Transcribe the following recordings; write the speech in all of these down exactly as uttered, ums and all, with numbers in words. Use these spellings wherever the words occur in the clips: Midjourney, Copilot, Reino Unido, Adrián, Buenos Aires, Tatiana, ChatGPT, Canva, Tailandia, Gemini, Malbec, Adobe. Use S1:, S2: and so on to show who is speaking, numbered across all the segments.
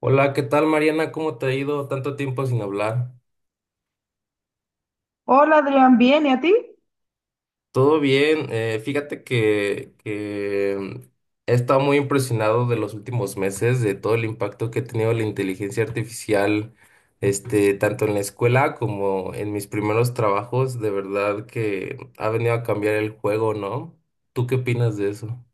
S1: Hola, ¿qué tal Mariana? ¿Cómo te ha ido? Tanto tiempo sin hablar.
S2: Hola Adrián, ¿bien? ¿Y a ti?
S1: Todo bien, eh, fíjate que, que mm, he estado muy impresionado de los últimos meses, de todo el impacto que ha tenido la inteligencia artificial, este, tanto en la escuela como en mis primeros trabajos, de verdad que ha venido a cambiar el juego, ¿no? ¿Tú qué opinas de eso?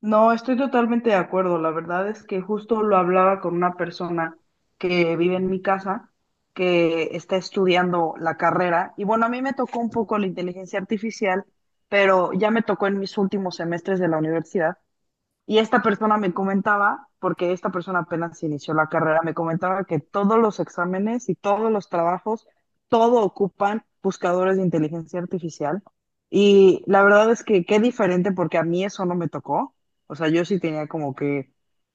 S2: No, estoy totalmente de acuerdo. La verdad es que justo lo hablaba con una persona que vive en mi casa, que está estudiando la carrera. Y bueno, a mí me tocó un poco la inteligencia artificial, pero ya me tocó en mis últimos semestres de la universidad. Y esta persona me comentaba, porque esta persona apenas inició la carrera, me comentaba que todos los exámenes y todos los trabajos, todo ocupan buscadores de inteligencia artificial. Y la verdad es que qué diferente, porque a mí eso no me tocó. O sea, yo sí tenía como que,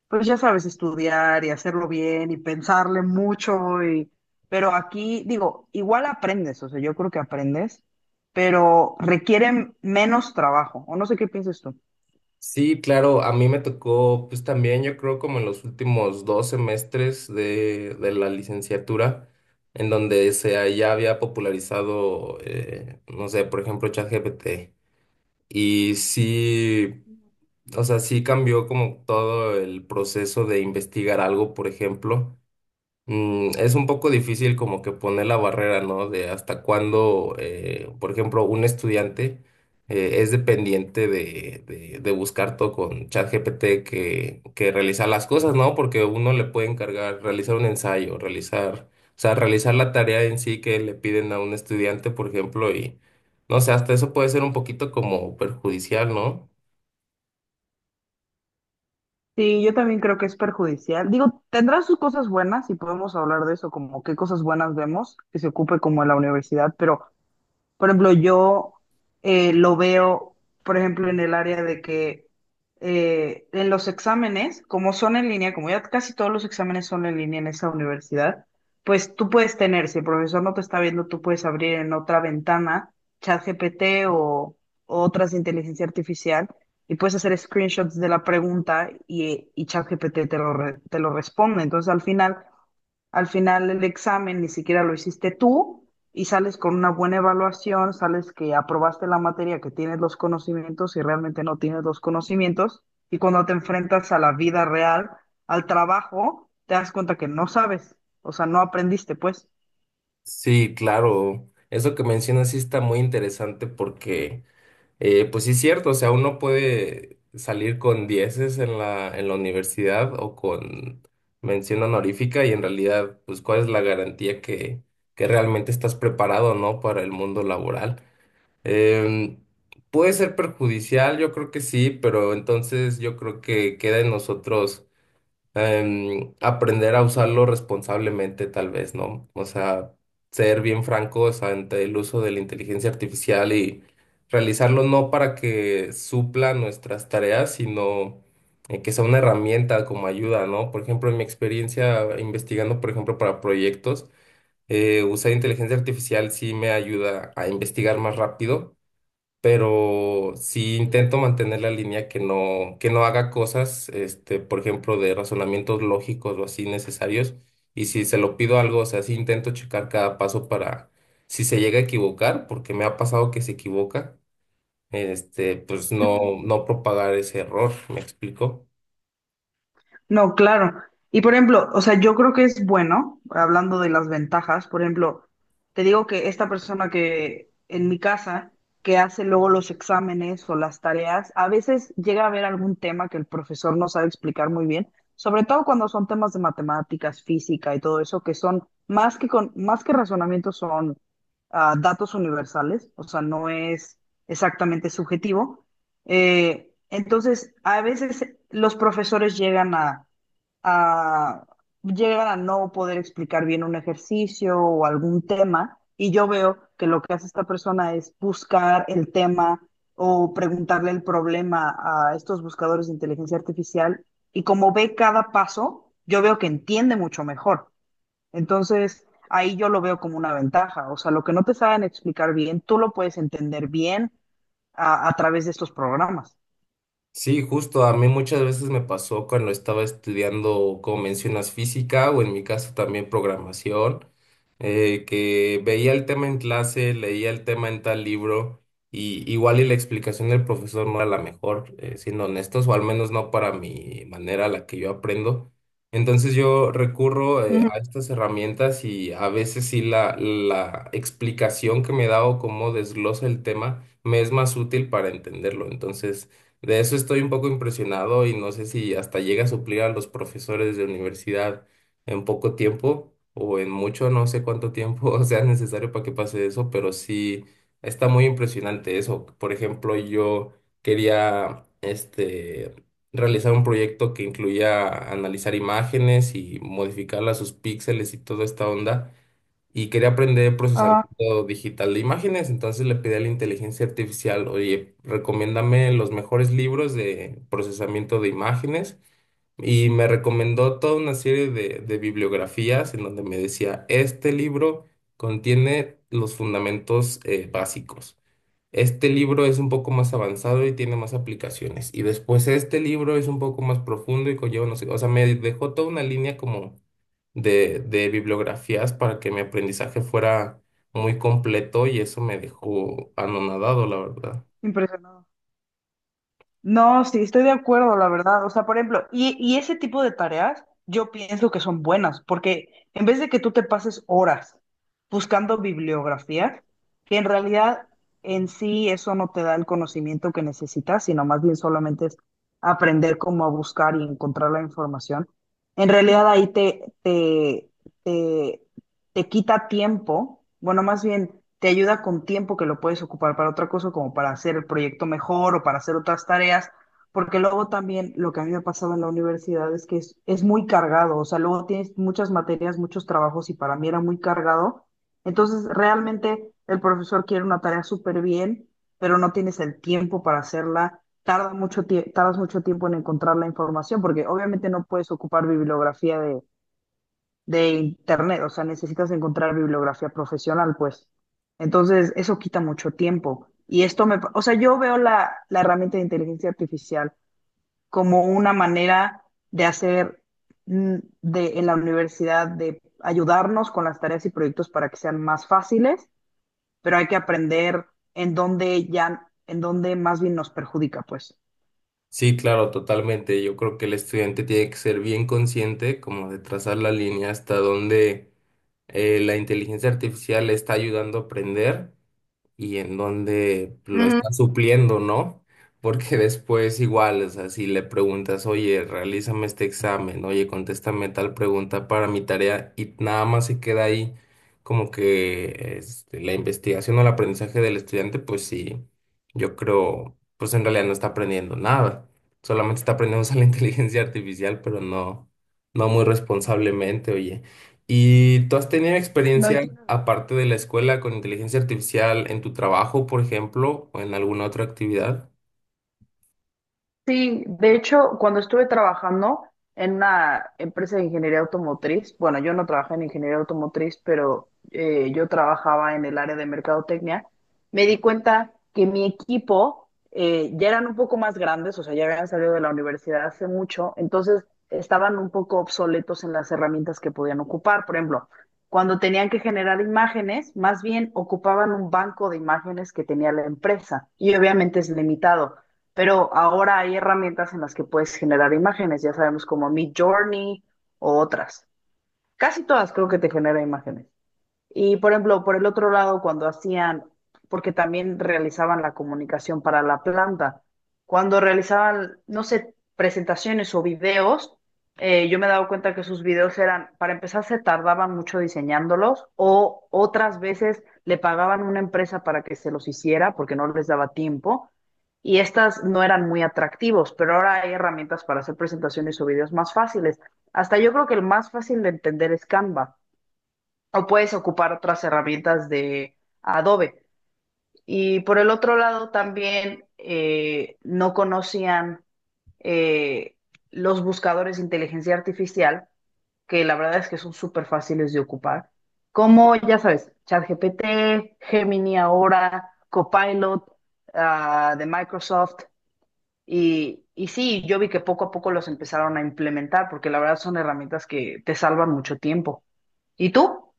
S2: pues ya sabes, estudiar y hacerlo bien y pensarle mucho Y... Pero aquí, digo, igual aprendes, o sea, yo creo que aprendes, pero requieren menos trabajo. O no sé qué piensas tú.
S1: Sí, claro, a mí me tocó, pues también yo creo como en los últimos dos semestres de, de la licenciatura, en donde se ya había popularizado, eh, no sé, por ejemplo, ChatGPT. Y sí, o sea, sí cambió como todo el proceso de investigar algo, por ejemplo. Mm, es un poco difícil como que poner la barrera, ¿no? De hasta cuándo, eh, por ejemplo, un estudiante eh, es dependiente de, de, de buscar todo con ChatGPT que, que realizar las cosas, ¿no? Porque uno le puede encargar realizar un ensayo, realizar, o sea, realizar la tarea en sí que le piden a un estudiante, por ejemplo, y no sé, hasta eso puede ser un poquito como perjudicial, ¿no?
S2: Sí, yo también creo que es perjudicial. Digo, tendrá sus cosas buenas y podemos hablar de eso, como qué cosas buenas vemos que se ocupe como en la universidad, pero por ejemplo, yo eh, lo veo, por ejemplo, en el área de que eh, en los exámenes, como son en línea, como ya casi todos los exámenes son en línea en esa universidad, pues tú puedes tener, si el profesor no te está viendo, tú puedes abrir en otra ventana ChatGPT o, o otras de inteligencia artificial y puedes hacer screenshots de la pregunta y, y ChatGPT te lo, re- te lo responde. Entonces, al final... al final el examen ni siquiera lo hiciste tú, y sales con una buena evaluación, sales que aprobaste la materia, que tienes los conocimientos y realmente no tienes los conocimientos. Y cuando te enfrentas a la vida real, al trabajo, te das cuenta que no sabes, o sea, no aprendiste, pues.
S1: Sí, claro. Eso que mencionas sí está muy interesante porque… Eh, pues sí es cierto, o sea, uno puede salir con dieces en la, en la universidad o con mención honorífica y en realidad, pues, ¿cuál es la garantía que, que realmente estás preparado, ¿no? Para el mundo laboral. Em, Puede ser perjudicial, yo creo que sí, pero entonces yo creo que queda en nosotros em, aprender a usarlo responsablemente, tal vez, ¿no? O sea, ser bien francos ante el uso de la inteligencia artificial y realizarlo no para que supla nuestras tareas, sino eh, que sea una herramienta como ayuda, ¿no? Por ejemplo, en mi experiencia investigando, por ejemplo, para proyectos, eh, usar inteligencia artificial sí me ayuda a investigar más rápido, pero sí
S2: Sí.
S1: intento mantener la línea que no, que no haga cosas, este, por ejemplo, de razonamientos lógicos o así necesarios. Y si se lo pido algo, o sea, sí intento checar cada paso para, si se llega a equivocar, porque me ha pasado que se equivoca, este, pues no,
S2: Ujú.
S1: no propagar ese error, ¿me explico?
S2: No, claro. Y por ejemplo, o sea, yo creo que es bueno, hablando de las ventajas, por ejemplo, te digo que esta persona que en mi casa, que hace luego los exámenes o las tareas, a veces llega a haber algún tema que el profesor no sabe explicar muy bien, sobre todo cuando son temas de matemáticas, física y todo eso, que son más que con, más que razonamiento, son ah, datos universales, o sea, no es exactamente subjetivo. Eh, entonces, a veces los profesores llegan a a, llegan a no poder explicar bien un ejercicio o algún tema, y yo veo que lo que hace esta persona es buscar el tema o preguntarle el problema a estos buscadores de inteligencia artificial, y como ve cada paso, yo veo que entiende mucho mejor. Entonces, ahí yo lo veo como una ventaja, o sea, lo que no te saben explicar bien, tú lo puedes entender bien a, a través de estos programas.
S1: Sí, justo a mí muchas veces me pasó cuando estaba estudiando, como mencionas, física o en mi caso también programación, eh, que veía el tema en clase, leía el tema en tal libro y igual y la explicación del profesor no era la mejor, eh, siendo honestos, o al menos no para mi manera a la que yo aprendo. Entonces yo recurro, eh, a
S2: Ujú.
S1: estas herramientas y a veces sí la, la explicación que me da o cómo desglosa el tema me es más útil para entenderlo. Entonces… De eso estoy un poco impresionado y no sé si hasta llega a suplir a los profesores de universidad en poco tiempo o en mucho, no sé cuánto tiempo sea necesario para que pase eso, pero sí está muy impresionante eso. Por ejemplo, yo quería este realizar un proyecto que incluía analizar imágenes y modificarlas, sus píxeles y toda esta onda, y quería aprender
S2: Ajá.
S1: procesamiento digital de imágenes, entonces le pedí a la inteligencia artificial, oye, recomiéndame los mejores libros de procesamiento de imágenes, y me recomendó toda una serie de, de bibliografías en donde me decía, este libro contiene los fundamentos eh, básicos. Este libro es un poco más avanzado y tiene más aplicaciones. Y después este libro es un poco más profundo y conlleva, no sé, o sea, me dejó toda una línea como de, de bibliografías para que mi aprendizaje fuera muy completo y eso me dejó anonadado, la verdad.
S2: Impresionado. No, sí, estoy de acuerdo, la verdad. O sea, por ejemplo, y, y ese tipo de tareas yo pienso que son buenas, porque en vez de que tú te pases horas buscando bibliografía, que en realidad en sí eso no te da el conocimiento que necesitas, sino más bien solamente es aprender cómo a buscar y encontrar la información, en realidad ahí te, te, te te quita tiempo, bueno, más bien te ayuda con tiempo que lo puedes ocupar para otra cosa, como para hacer el proyecto mejor o para hacer otras tareas, porque luego también lo que a mí me ha pasado en la universidad es que es, es muy cargado, o sea, luego tienes muchas materias, muchos trabajos y para mí era muy cargado, entonces realmente el profesor quiere una tarea súper bien, pero no tienes el tiempo para hacerla. Tarda mucho tie- tardas mucho tiempo en encontrar la información, porque obviamente no puedes ocupar bibliografía de de internet, o sea, necesitas encontrar bibliografía profesional, pues. Entonces, eso quita mucho tiempo. Y esto me, pa- o sea, yo veo la, la herramienta de inteligencia artificial como una manera de hacer mm, de, en la universidad, de ayudarnos con las tareas y proyectos para que sean más fáciles, pero hay que aprender en dónde ya, en dónde más bien nos perjudica, pues.
S1: Sí, claro, totalmente. Yo creo que el estudiante tiene que ser bien consciente como de trazar la línea hasta donde eh, la inteligencia artificial le está ayudando a aprender y en donde lo
S2: Ujú.
S1: está supliendo, ¿no? Porque después igual, o sea, si le preguntas, oye, realízame este examen, oye, contéstame tal pregunta para mi tarea y nada más se queda ahí como que este, la investigación o el aprendizaje del estudiante, pues sí, yo creo, pues en realidad no está aprendiendo nada, solamente está aprendiendo a usar la inteligencia artificial, pero no, no muy responsablemente, oye. ¿Y tú has tenido
S2: No, y
S1: experiencia,
S2: tienes.
S1: aparte de la escuela, con inteligencia artificial en tu trabajo, por ejemplo, o en alguna otra actividad?
S2: Sí, de hecho, cuando estuve trabajando en una empresa de ingeniería automotriz, bueno, yo no trabajé en ingeniería automotriz, pero eh, yo trabajaba en el área de mercadotecnia, me di cuenta que mi equipo eh, ya eran un poco más grandes, o sea, ya habían salido de la universidad hace mucho, entonces estaban un poco obsoletos en las herramientas que podían ocupar. Por ejemplo, cuando tenían que generar imágenes, más bien ocupaban un banco de imágenes que tenía la empresa y obviamente es limitado. Pero ahora hay herramientas en las que puedes generar imágenes, ya sabemos como Midjourney o otras. Casi todas creo que te genera imágenes. Y por ejemplo, por el otro lado, cuando hacían, porque también realizaban la comunicación para la planta, cuando realizaban, no sé, presentaciones o videos, eh, yo me he dado cuenta que sus videos eran, para empezar, se tardaban mucho diseñándolos o otras veces le pagaban una empresa para que se los hiciera porque no les daba tiempo y estas no eran muy atractivos, pero ahora hay herramientas para hacer presentaciones o videos más fáciles. Hasta yo creo que el más fácil de entender es Canva o puedes ocupar otras herramientas de Adobe. Y por el otro lado, también eh, no conocían eh, los buscadores de inteligencia artificial, que la verdad es que son súper fáciles de ocupar, como ya sabes, ChatGPT, Gemini ahora, Copilot ah, de Microsoft. Y, y sí, yo vi que poco a poco los empezaron a implementar, porque la verdad son herramientas que te salvan mucho tiempo. ¿Y tú?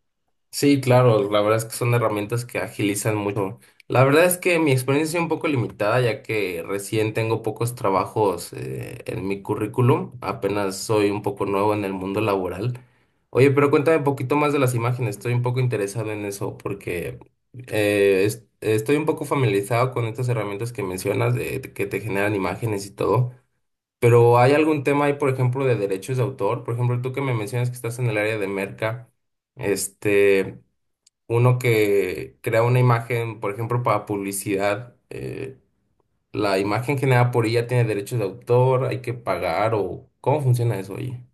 S1: Sí, claro, la verdad es que son herramientas que agilizan mucho. La verdad es que mi experiencia es un poco limitada, ya que recién tengo pocos trabajos eh, en mi currículum, apenas soy un poco nuevo en el mundo laboral. Oye, pero cuéntame un poquito más de las imágenes,
S2: Ujú.
S1: estoy un poco interesado en eso porque eh, es- estoy un poco familiarizado con estas herramientas que mencionas, de, que te generan imágenes y todo. Pero ¿hay algún tema ahí, por ejemplo, de derechos de autor? Por ejemplo, tú que me mencionas que estás en el área de merca. Este, uno que crea una imagen, por ejemplo, para publicidad, eh, la imagen generada por ella tiene derechos de autor, hay que pagar o ¿cómo funciona eso, oye?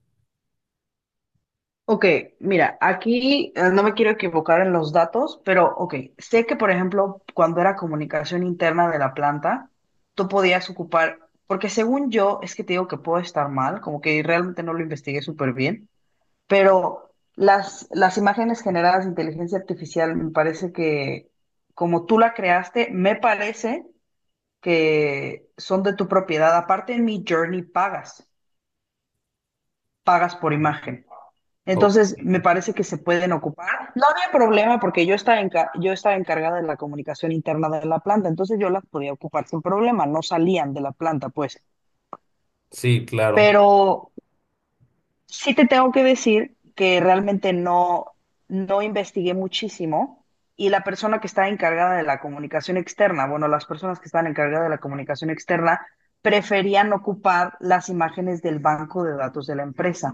S2: Ok, mira, aquí eh, no me quiero equivocar en los datos, pero ok, sé que por ejemplo, cuando era comunicación interna de la planta, tú podías ocupar, porque según yo, es que te digo que puedo estar mal, como que realmente no lo investigué súper bien, pero las, las imágenes generadas de inteligencia artificial me parece que, como tú la creaste, me parece que son de tu propiedad. Aparte en mi Journey pagas, pagas por imagen.
S1: Ok.
S2: Entonces, me parece que se pueden ocupar. No había problema porque yo estaba, enca- yo estaba encargada de la comunicación interna de la planta, entonces yo las podía ocupar sin problema, no salían de la planta, pues.
S1: Sí, claro.
S2: Pero sí te tengo que decir que realmente no, no investigué muchísimo y la persona que está encargada de la comunicación externa, bueno, las personas que están encargadas de la comunicación externa preferían ocupar las imágenes del banco de datos de la empresa.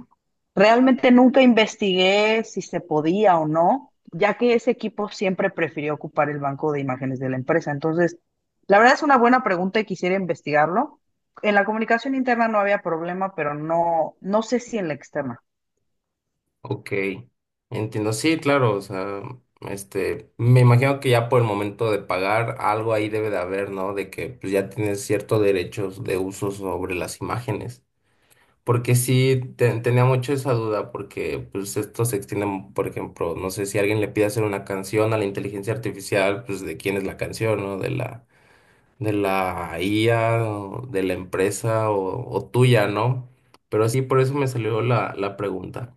S2: Realmente nunca investigué si se podía o no, ya que ese equipo siempre prefirió ocupar el banco de imágenes de la empresa. Entonces, la verdad es una buena pregunta y quisiera investigarlo en la comunicación interna no había problema, pero no, no sé si en la externa.
S1: Ok. Entiendo. Sí, claro. O sea, este, me imagino que ya por el momento de pagar algo ahí debe de haber, ¿no? De que pues, ya tienes ciertos derechos de uso sobre las imágenes. Porque sí, te- tenía mucho esa duda, porque pues esto se extiende, por ejemplo, no sé si alguien le pide hacer una canción a la inteligencia artificial, pues de quién es la canción, ¿no? De la, de la I A, o de la empresa o, o tuya, ¿no? Pero sí, por eso me salió la, la pregunta.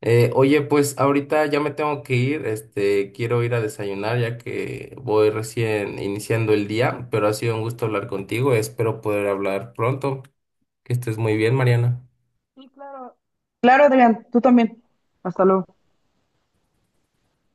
S1: Eh, oye, pues ahorita ya me tengo que ir, este, quiero ir a desayunar ya que voy recién iniciando el día, pero ha sido un gusto hablar contigo, espero poder hablar pronto. Que estés muy bien, Mariana.
S2: Sí, claro. Claro, Adrián, tú también. Hasta luego.